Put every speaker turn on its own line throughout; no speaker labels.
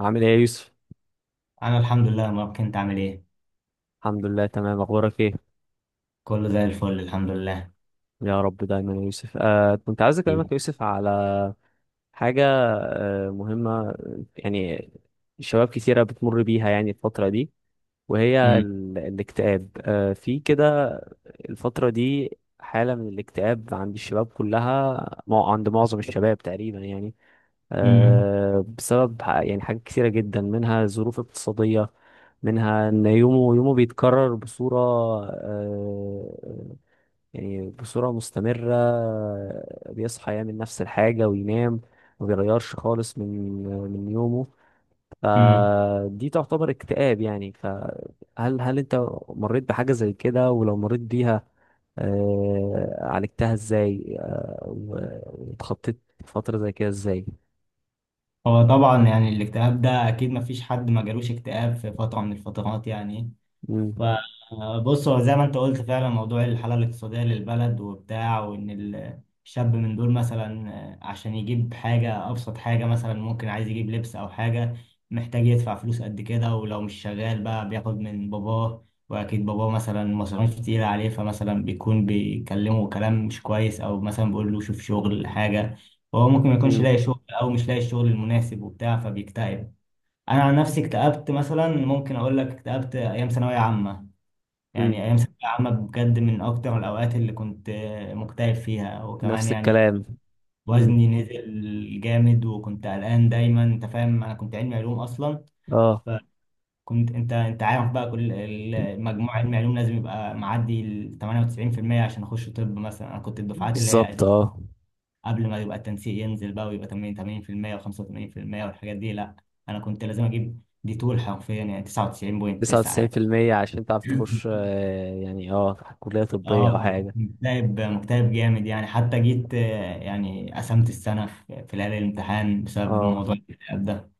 عامل ايه يا يوسف؟
انا الحمد لله ما كنت عامل ايه.
الحمد لله تمام، اخبارك ايه؟
كله زي الفل الحمد لله.
يا رب دايما يا يوسف. كنت عايز اكلمك
حبيبي.
يا يوسف على حاجه مهمه يعني. شباب كتيره بتمر بيها يعني الفتره دي، وهي
امم
الاكتئاب، في كده الفترة دي. حالة من الاكتئاب عند الشباب كلها، عند معظم الشباب تقريبا يعني
امم
بسبب يعني حاجات كثيرة جدا، منها ظروف اقتصادية، منها ان يومه يومه بيتكرر بصورة آه، يعني بصورة مستمرة. بيصحى يعمل نفس الحاجة وينام، ما بيغيرش خالص من يومه.
امم
فدي تعتبر اكتئاب يعني. فهل انت مريت بحاجة زي كده؟ ولو مريت بيها عالجتها ازاي؟ واتخطيت فترة زي كده ازاي؟
هو طبعا يعني الاكتئاب ده اكيد ما فيش حد ما جالوش اكتئاب في فترة من الفترات، يعني
مم.
فبص هو زي ما انت قلت فعلا، موضوع الحالة الاقتصادية للبلد وبتاع، وان الشاب من دول مثلا، عشان يجيب حاجة، أبسط حاجة مثلا ممكن عايز يجيب لبس أو حاجة، محتاج يدفع فلوس قد كده، ولو مش شغال بقى بياخد من باباه، وأكيد باباه مثلا مصاريف كتيرة عليه، فمثلا بيكون بيكلمه كلام مش كويس أو مثلا بيقول له شوف شغل حاجة. فهو ممكن ما يكونش
مم.
لاقي شغل أو مش لاقي الشغل المناسب وبتاع، فبيكتئب. أنا عن نفسي اكتئبت مثلا، ممكن أقول لك اكتئبت أيام ثانوية عامة.
مم.
يعني أيام ثانوية عامة بجد من أكتر الأوقات اللي كنت مكتئب فيها. وكمان
نفس
يعني
الكلام. مم.
وزني نزل جامد، وكنت قلقان دايما، أنت فاهم، أنا كنت علمي علوم أصلا.
اه.
فكنت، أنت عارف بقى، كل المجموع علمي علوم لازم يبقى معدي ال 98% عشان أخش طب مثلا. أنا كنت الدفعات اللي هي
بالظبط،
دي
اه.
قبل ما يبقى التنسيق ينزل بقى ويبقى 80 و85% والحاجات دي، لا أنا كنت لازم أجيب دي طول، حرفيا يعني 99.9 يعني.
99% عشان تعرف تخش يعني، اه، كلية طبية او
اه فكنت
حاجة.
مكتئب مكتئب جامد يعني، حتى جيت يعني قسمت السنة في ليالي الامتحان بسبب
اه.
موضوع الاكتئاب ده.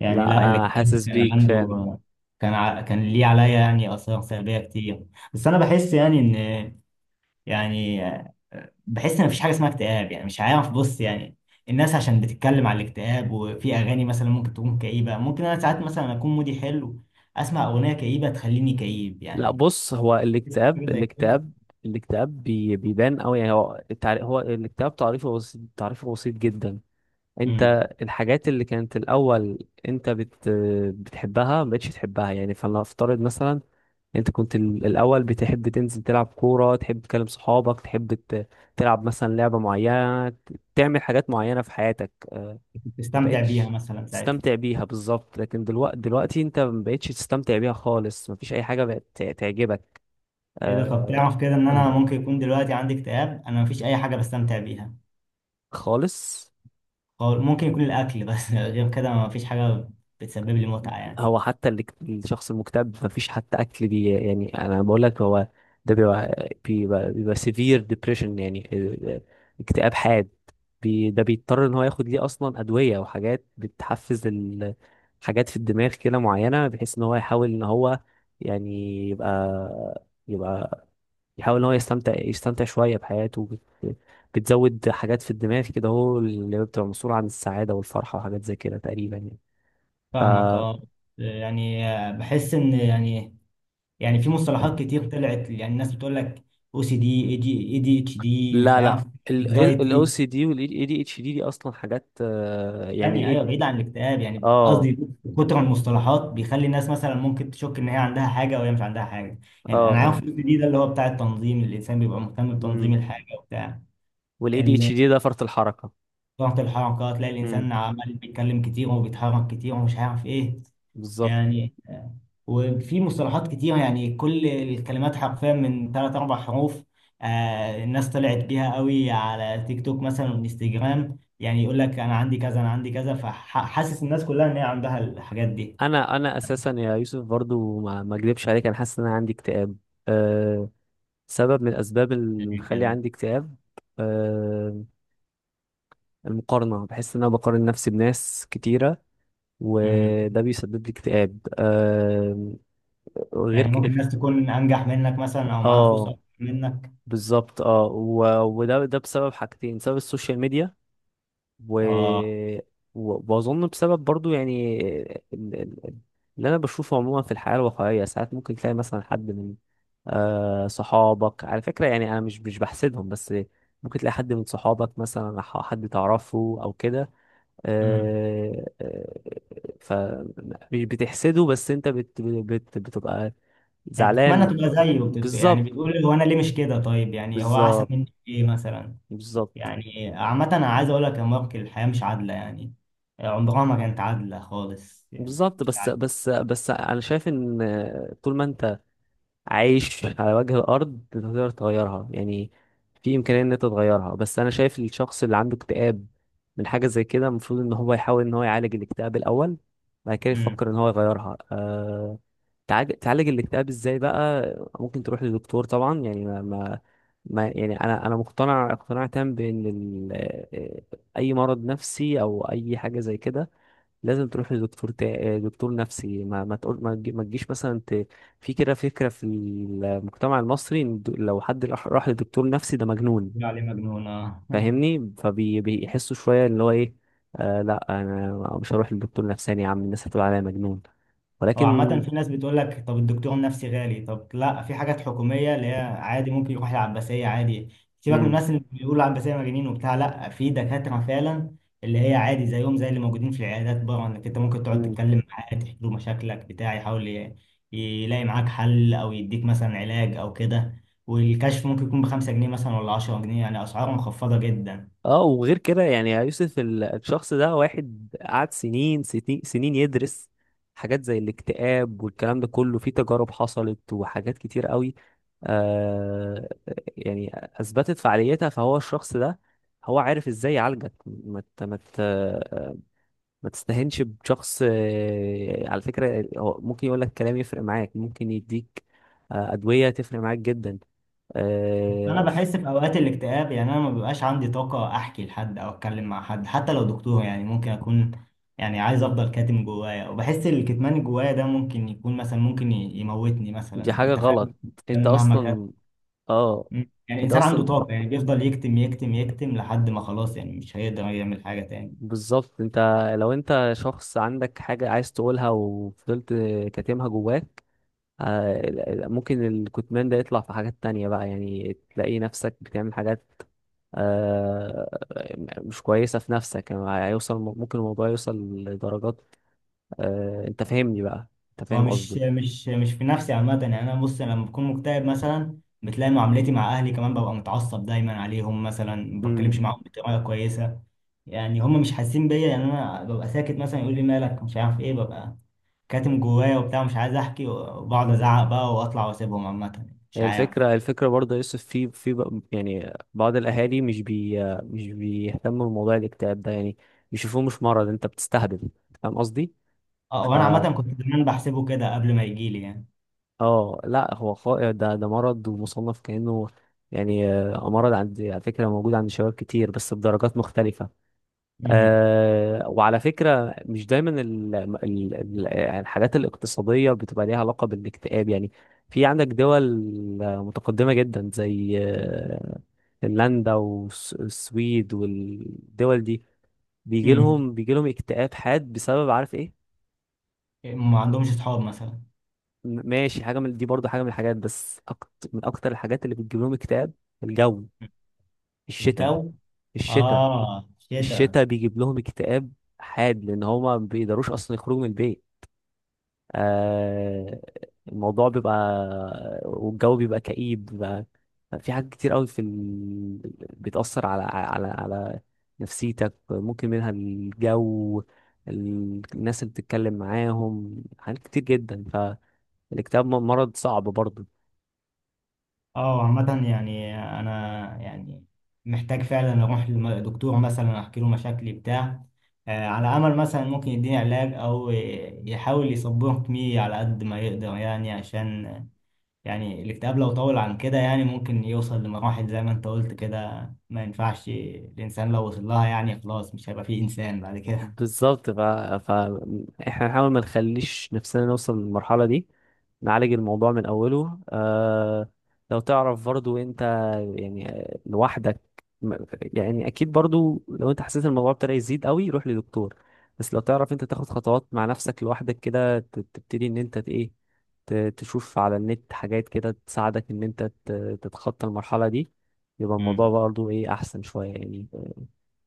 يعني
لا
لا
انا
الاكتئاب
حاسس
كان
بيك
عنده
فعلا.
كان ليه عليا يعني آثار سلبية كتير. بس أنا بحس يعني إن يعني آه، بحس إن مفيش حاجة اسمها اكتئاب، يعني مش عارف بص يعني، الناس عشان بتتكلم على الاكتئاب، وفي أغاني مثلا ممكن تكون كئيبة، ممكن أنا ساعات مثلا أكون مودي حلو أسمع أغنية كئيبة تخليني كئيب
لا
يعني.
بص، هو
بس حاجة
الاكتئاب،
زي كده.
الاكتئاب الاكتئاب بيبان قوي يعني. هو هو الاكتئاب تعريفه بسيط، تعريفه بسيط جدا. انت الحاجات اللي كانت الاول انت بتحبها، ما بقتش تحبها يعني. فلنفترض مثلا انت كنت الاول بتحب تنزل تلعب كوره، تحب تكلم صحابك، تحب تلعب مثلا لعبه معينه، تعمل حاجات معينه في حياتك.
كنت
ما
بتستمتع بيها
بقتش
مثلا ساعتها.
تستمتع بيها بالظبط، لكن دلوقتي انت ما بقتش تستمتع بيها خالص. ما فيش اي حاجه بقت تعجبك
ايه ده، طب
آه
تعرف كده ان انا ممكن يكون دلوقتي عندي اكتئاب. انا مفيش اي حاجه بستمتع بيها.
خالص.
هو ممكن يكون الاكل بس. غير كده مفيش حاجه بتسبب لي متعه يعني.
هو حتى اللي الشخص المكتئب مفيش حتى اكل يعني، انا بقول لك هو ده بيبقى سيفير ديبريشن يعني. آه، آه، اكتئاب حاد. ده بيضطر ان هو ياخد ليه اصلا ادويه، وحاجات بتحفز حاجات في الدماغ كده معينه، بحيث ان هو يحاول ان هو يعني يبقى يحاول ان هو يستمتع شويه بحياته. بت... بتزود حاجات في الدماغ كده، هو اللي بتبقى مسؤوله عن السعاده والفرحه وحاجات زي كده تقريبا يعني. ف
فاهمك اه. يعني بحس ان، يعني يعني في مصطلحات كتير طلعت، يعني الناس بتقول لك او سي دي، اي دي اتش دي، مش
لا لا.
عارف،
الاو
انكزايتي.
سي دي والاي دي اتش دي دي اصلا حاجات، يعني
ثانية
ايه؟
أيوة، بعيد عن الاكتئاب يعني،
اه،
قصدي كتر من المصطلحات بيخلي الناس مثلا ممكن تشك إن هي عندها حاجة وهي مش عندها حاجة.
اه،
يعني أنا عارف
اه.
الجزء دي، ده اللي هو بتاع التنظيم، الإنسان بيبقى مهتم
امم
بتنظيم الحاجة وبتاع.
والاي دي اتش
ال-
دي ده فرط الحركه.
ضغط الحركة، تلاقي
امم،
الإنسان عمال بيتكلم كتير وبيتحرك كتير ومش عارف إيه
بالظبط.
يعني وفي مصطلحات كتير يعني، كل الكلمات حرفيا من ثلاث أربع حروف، آه الناس طلعت بيها قوي على تيك توك مثلا وانستجرام، يعني يقول لك أنا عندي كذا أنا عندي كذا، فحاسس الناس كلها إن هي عندها الحاجات دي
انا اساسا يا يوسف برضو، ما اكذبش عليك، انا حاسس ان انا عندي اكتئاب. أه. سبب من الاسباب اللي
اللي
مخلي
كده.
عندي اكتئاب، آه، المقارنة. بحس إن أنا بقارن نفسي بناس كتيرة،
مم.
وده بيسبب لي اكتئاب غير
يعني
ك...
ممكن الناس تكون أنجح منك مثلا أو معاها فلوس
اه
أكتر منك.
بالظبط اه ده بسبب حاجتين، بسبب السوشيال ميديا و...
آه.
وأظن بسبب برضو يعني ال- ال- اللي أنا بشوفه عموما في الحياة الواقعية، ساعات ممكن تلاقي مثلا حد من صحابك. على فكرة يعني أنا مش بحسدهم بس، ممكن تلاقي حد من صحابك مثلا أو حد تعرفه أو كده.
مم.
آه، آه، ف مش بتحسده بس انت بت بت بتبقى
يعني بتتمنى
زعلان.
تبقى زيه وبتبقى يعني
بالظبط،
بتقول هو أنا ليه مش كده، طيب يعني هو أحسن
بالظبط،
مني في إيه مثلا.
بالظبط،
يعني عامة أنا عايز أقول لك يا مارك، الحياة مش عادلة يعني، عمرها ما كانت عادلة خالص يعني،
بالظبط.
مش عادلة.
بس انا شايف ان طول ما انت عايش على وجه الارض انت تقدر تغيرها يعني. في امكانيه ان انت تغيرها. بس انا شايف الشخص اللي عنده اكتئاب من حاجه زي كده المفروض ان هو يحاول ان هو يعالج الاكتئاب الاول، بعد كده
امم
يفكر ان هو يغيرها. تعالج الاكتئاب ازاي بقى؟ ممكن تروح للدكتور طبعا يعني ما يعني، انا مقتنع اقتناع تام بان ال... آه، آه، اي مرض نفسي او اي حاجه زي كده لازم تروح لدكتور دكتور نفسي. ما تقول، ما تجيش مثلا في كده فكرة في المجتمع المصري إن لو حد راح لدكتور نفسي ده مجنون،
عليه مجنون اه.
فاهمني؟ فبيحسوا شوية اللي هو ايه، لا انا مش هروح لدكتور نفساني يا عم، الناس هتقول عليا مجنون،
هو عامة
ولكن.
في ناس بتقول لك طب الدكتور النفسي غالي. طب لا في حاجات حكومية اللي هي عادي ممكن يروح العباسية عادي. سيبك من الناس اللي بيقولوا العباسية مجانين وبتاع، لا في دكاترة فعلا اللي هي عادي زيهم زي اللي موجودين في العيادات بره، انك انت ممكن تقعد
امم.
تتكلم معاه تحكي له مشاكلك بتاع، يحاول يلاقي معاك حل او يديك مثلا علاج او كده. والكشف ممكن يكون بـ 5 جنيه مثلا ولا 10 جنيه، يعني اسعار مخفضة جدا.
اه، وغير كده يعني يا يوسف، الشخص ده واحد قعد سنين سنين سنين يدرس حاجات زي الاكتئاب، والكلام ده كله في تجارب حصلت وحاجات كتير قوي، آه يعني اثبتت فعاليتها. فهو الشخص ده هو عارف ازاي يعالجك. ما تستهينش بشخص، على فكرة هو ممكن يقول لك كلام يفرق معاك، ممكن يديك أدوية تفرق معاك جدا.
انا
آه،
بحس في اوقات الاكتئاب، يعني انا ما بيبقاش عندي طاقه احكي لحد او اتكلم مع حد حتى لو دكتور، يعني ممكن اكون يعني عايز افضل كاتم جوايا، وبحس الكتمان اللي جوايا ده ممكن يكون مثلا ممكن يموتني مثلا،
دي حاجة
انت
غلط.
فاهم
انت
كان مهما كان.
اصلا، اه،
مم. يعني
انت
الانسان عنده
اصلا،
طاقه يعني بيفضل يكتم يكتم يكتم لحد ما خلاص، يعني مش هيقدر يعمل حاجه تاني.
بالظبط. انت لو انت شخص عندك حاجة عايز تقولها وفضلت كاتمها جواك، ممكن الكتمان ده يطلع في حاجات تانية بقى يعني، تلاقي نفسك بتعمل حاجات آه، مش كويسة في نفسك يعني. هيوصل ممكن الموضوع يوصل لدرجات، انت فاهمني بقى؟ انت
هو
فاهم
مش في نفسي عامة يعني. أنا بص لما بكون مكتئب مثلا بتلاقي معاملتي مع أهلي كمان، ببقى متعصب دايما عليهم مثلا ما بتكلمش
قصدي؟
معاهم بطريقة كويسة. يعني هم مش حاسين بيا، يعني أنا ببقى ساكت مثلا، يقول لي مالك مش عارف إيه، ببقى كاتم جوايا وبتاع مش عايز أحكي، وبقعد أزعق بقى وأطلع وأسيبهم، عامة مش
هي
عارف.
الفكرة، برضه يا يوسف، في يعني بعض الأهالي مش مش بيهتموا بموضوع الاكتئاب ده يعني، بيشوفوه مش مرض، أنت بتستهبل. فاهم قصدي؟
أه
ف
وأنا عامة كنت زمان بحسبه كده قبل ما يجيلي يعني.
اه لا هو ده مرض ومصنف كأنه، يعني مرض. عند على فكرة موجود عند شباب كتير بس بدرجات مختلفة.
امم
وعلى فكرة مش دايما ال يعني الحاجات الاقتصادية بتبقى ليها علاقة بالاكتئاب يعني. في عندك دول متقدمة جدا زي فنلندا والسويد والدول دي،
امم
بيجي لهم اكتئاب حاد بسبب عارف ايه.
ما عندهمش أصحاب مثلا.
ماشي، حاجة من دي برضو حاجة من الحاجات. بس أكت، من أكتر الحاجات اللي بتجيب لهم اكتئاب، الجو، الشتاء،
الجو،
الشتاء.
آه شتا.
الشتاء بيجيب لهم اكتئاب حاد لأن هما ما بيقدروش أصلا يخرجوا من البيت. آه، الموضوع بيبقى، والجو بيبقى كئيب، بيبقى في حاجات كتير قوي في بتأثر على نفسيتك. ممكن منها الجو، الناس اللي بتتكلم معاهم، حاجات كتير جدا. فالاكتئاب مرض صعب برضه.
اه عامة يعني أنا يعني محتاج فعلا أروح لدكتور مثلا أحكي له مشاكلي بتاع، على أمل مثلا ممكن يديني علاج أو يحاول يصبرني على قد ما يقدر، يعني عشان، يعني الاكتئاب لو طول عن كده، يعني ممكن يوصل لمراحل زي ما أنت قلت كده ما ينفعش، الإنسان لو وصل لها يعني خلاص مش هيبقى فيه إنسان بعد كده.
بالظبط. ف احنا نحاول ما نخليش نفسنا نوصل للمرحلة دي، نعالج الموضوع من أوله. لو تعرف برضو انت يعني لوحدك، م- يعني أكيد برضو لو انت حسيت الموضوع ابتدى يزيد قوي روح لدكتور. بس لو تعرف انت تاخد خطوات مع نفسك لوحدك كده، تبتدي ان انت ايه، تشوف على النت حاجات كده تساعدك ان انت تتخطى المرحلة دي، يبقى الموضوع
مم.
برضو ايه، أحسن شوية يعني.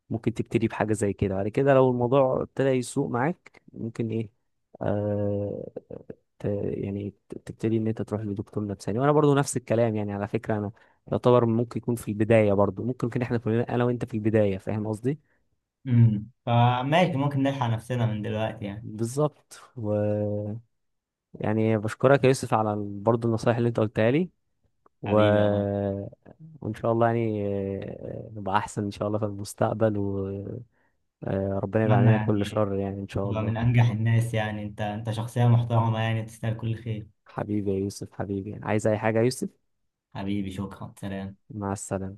ممكن تبتدي بحاجة زي كده بعد كده. لو الموضوع ابتدى يسوق معاك، ممكن ايه، آه يعني تبتدي ان انت تروح لدكتور نفساني. وانا برضو نفس الكلام يعني، على فكرة انا يعتبر ممكن يكون في البداية برضو، ممكن يكون احنا كلنا انا وانت في البداية، فاهم قصدي؟
فماشي ممكن نلحق نفسنا من دلوقتي يعني.
بالظبط يعني بشكرك يا يوسف على برضو النصايح اللي انت قلتها لي و...
حبيبي يا غالي.
وان شاء الله يعني نبقى احسن ان شاء الله في المستقبل، وربنا يبعد
أتمنى
عننا كل
يعني،
شر يعني ان شاء
هو
الله.
من أنجح الناس يعني، أنت أنت شخصية محترمة يعني تستاهل كل خير.
حبيبي يا يوسف، حبيبي، عايز أي حاجة يا يوسف.
حبيبي شكرا سلام.
مع السلامة.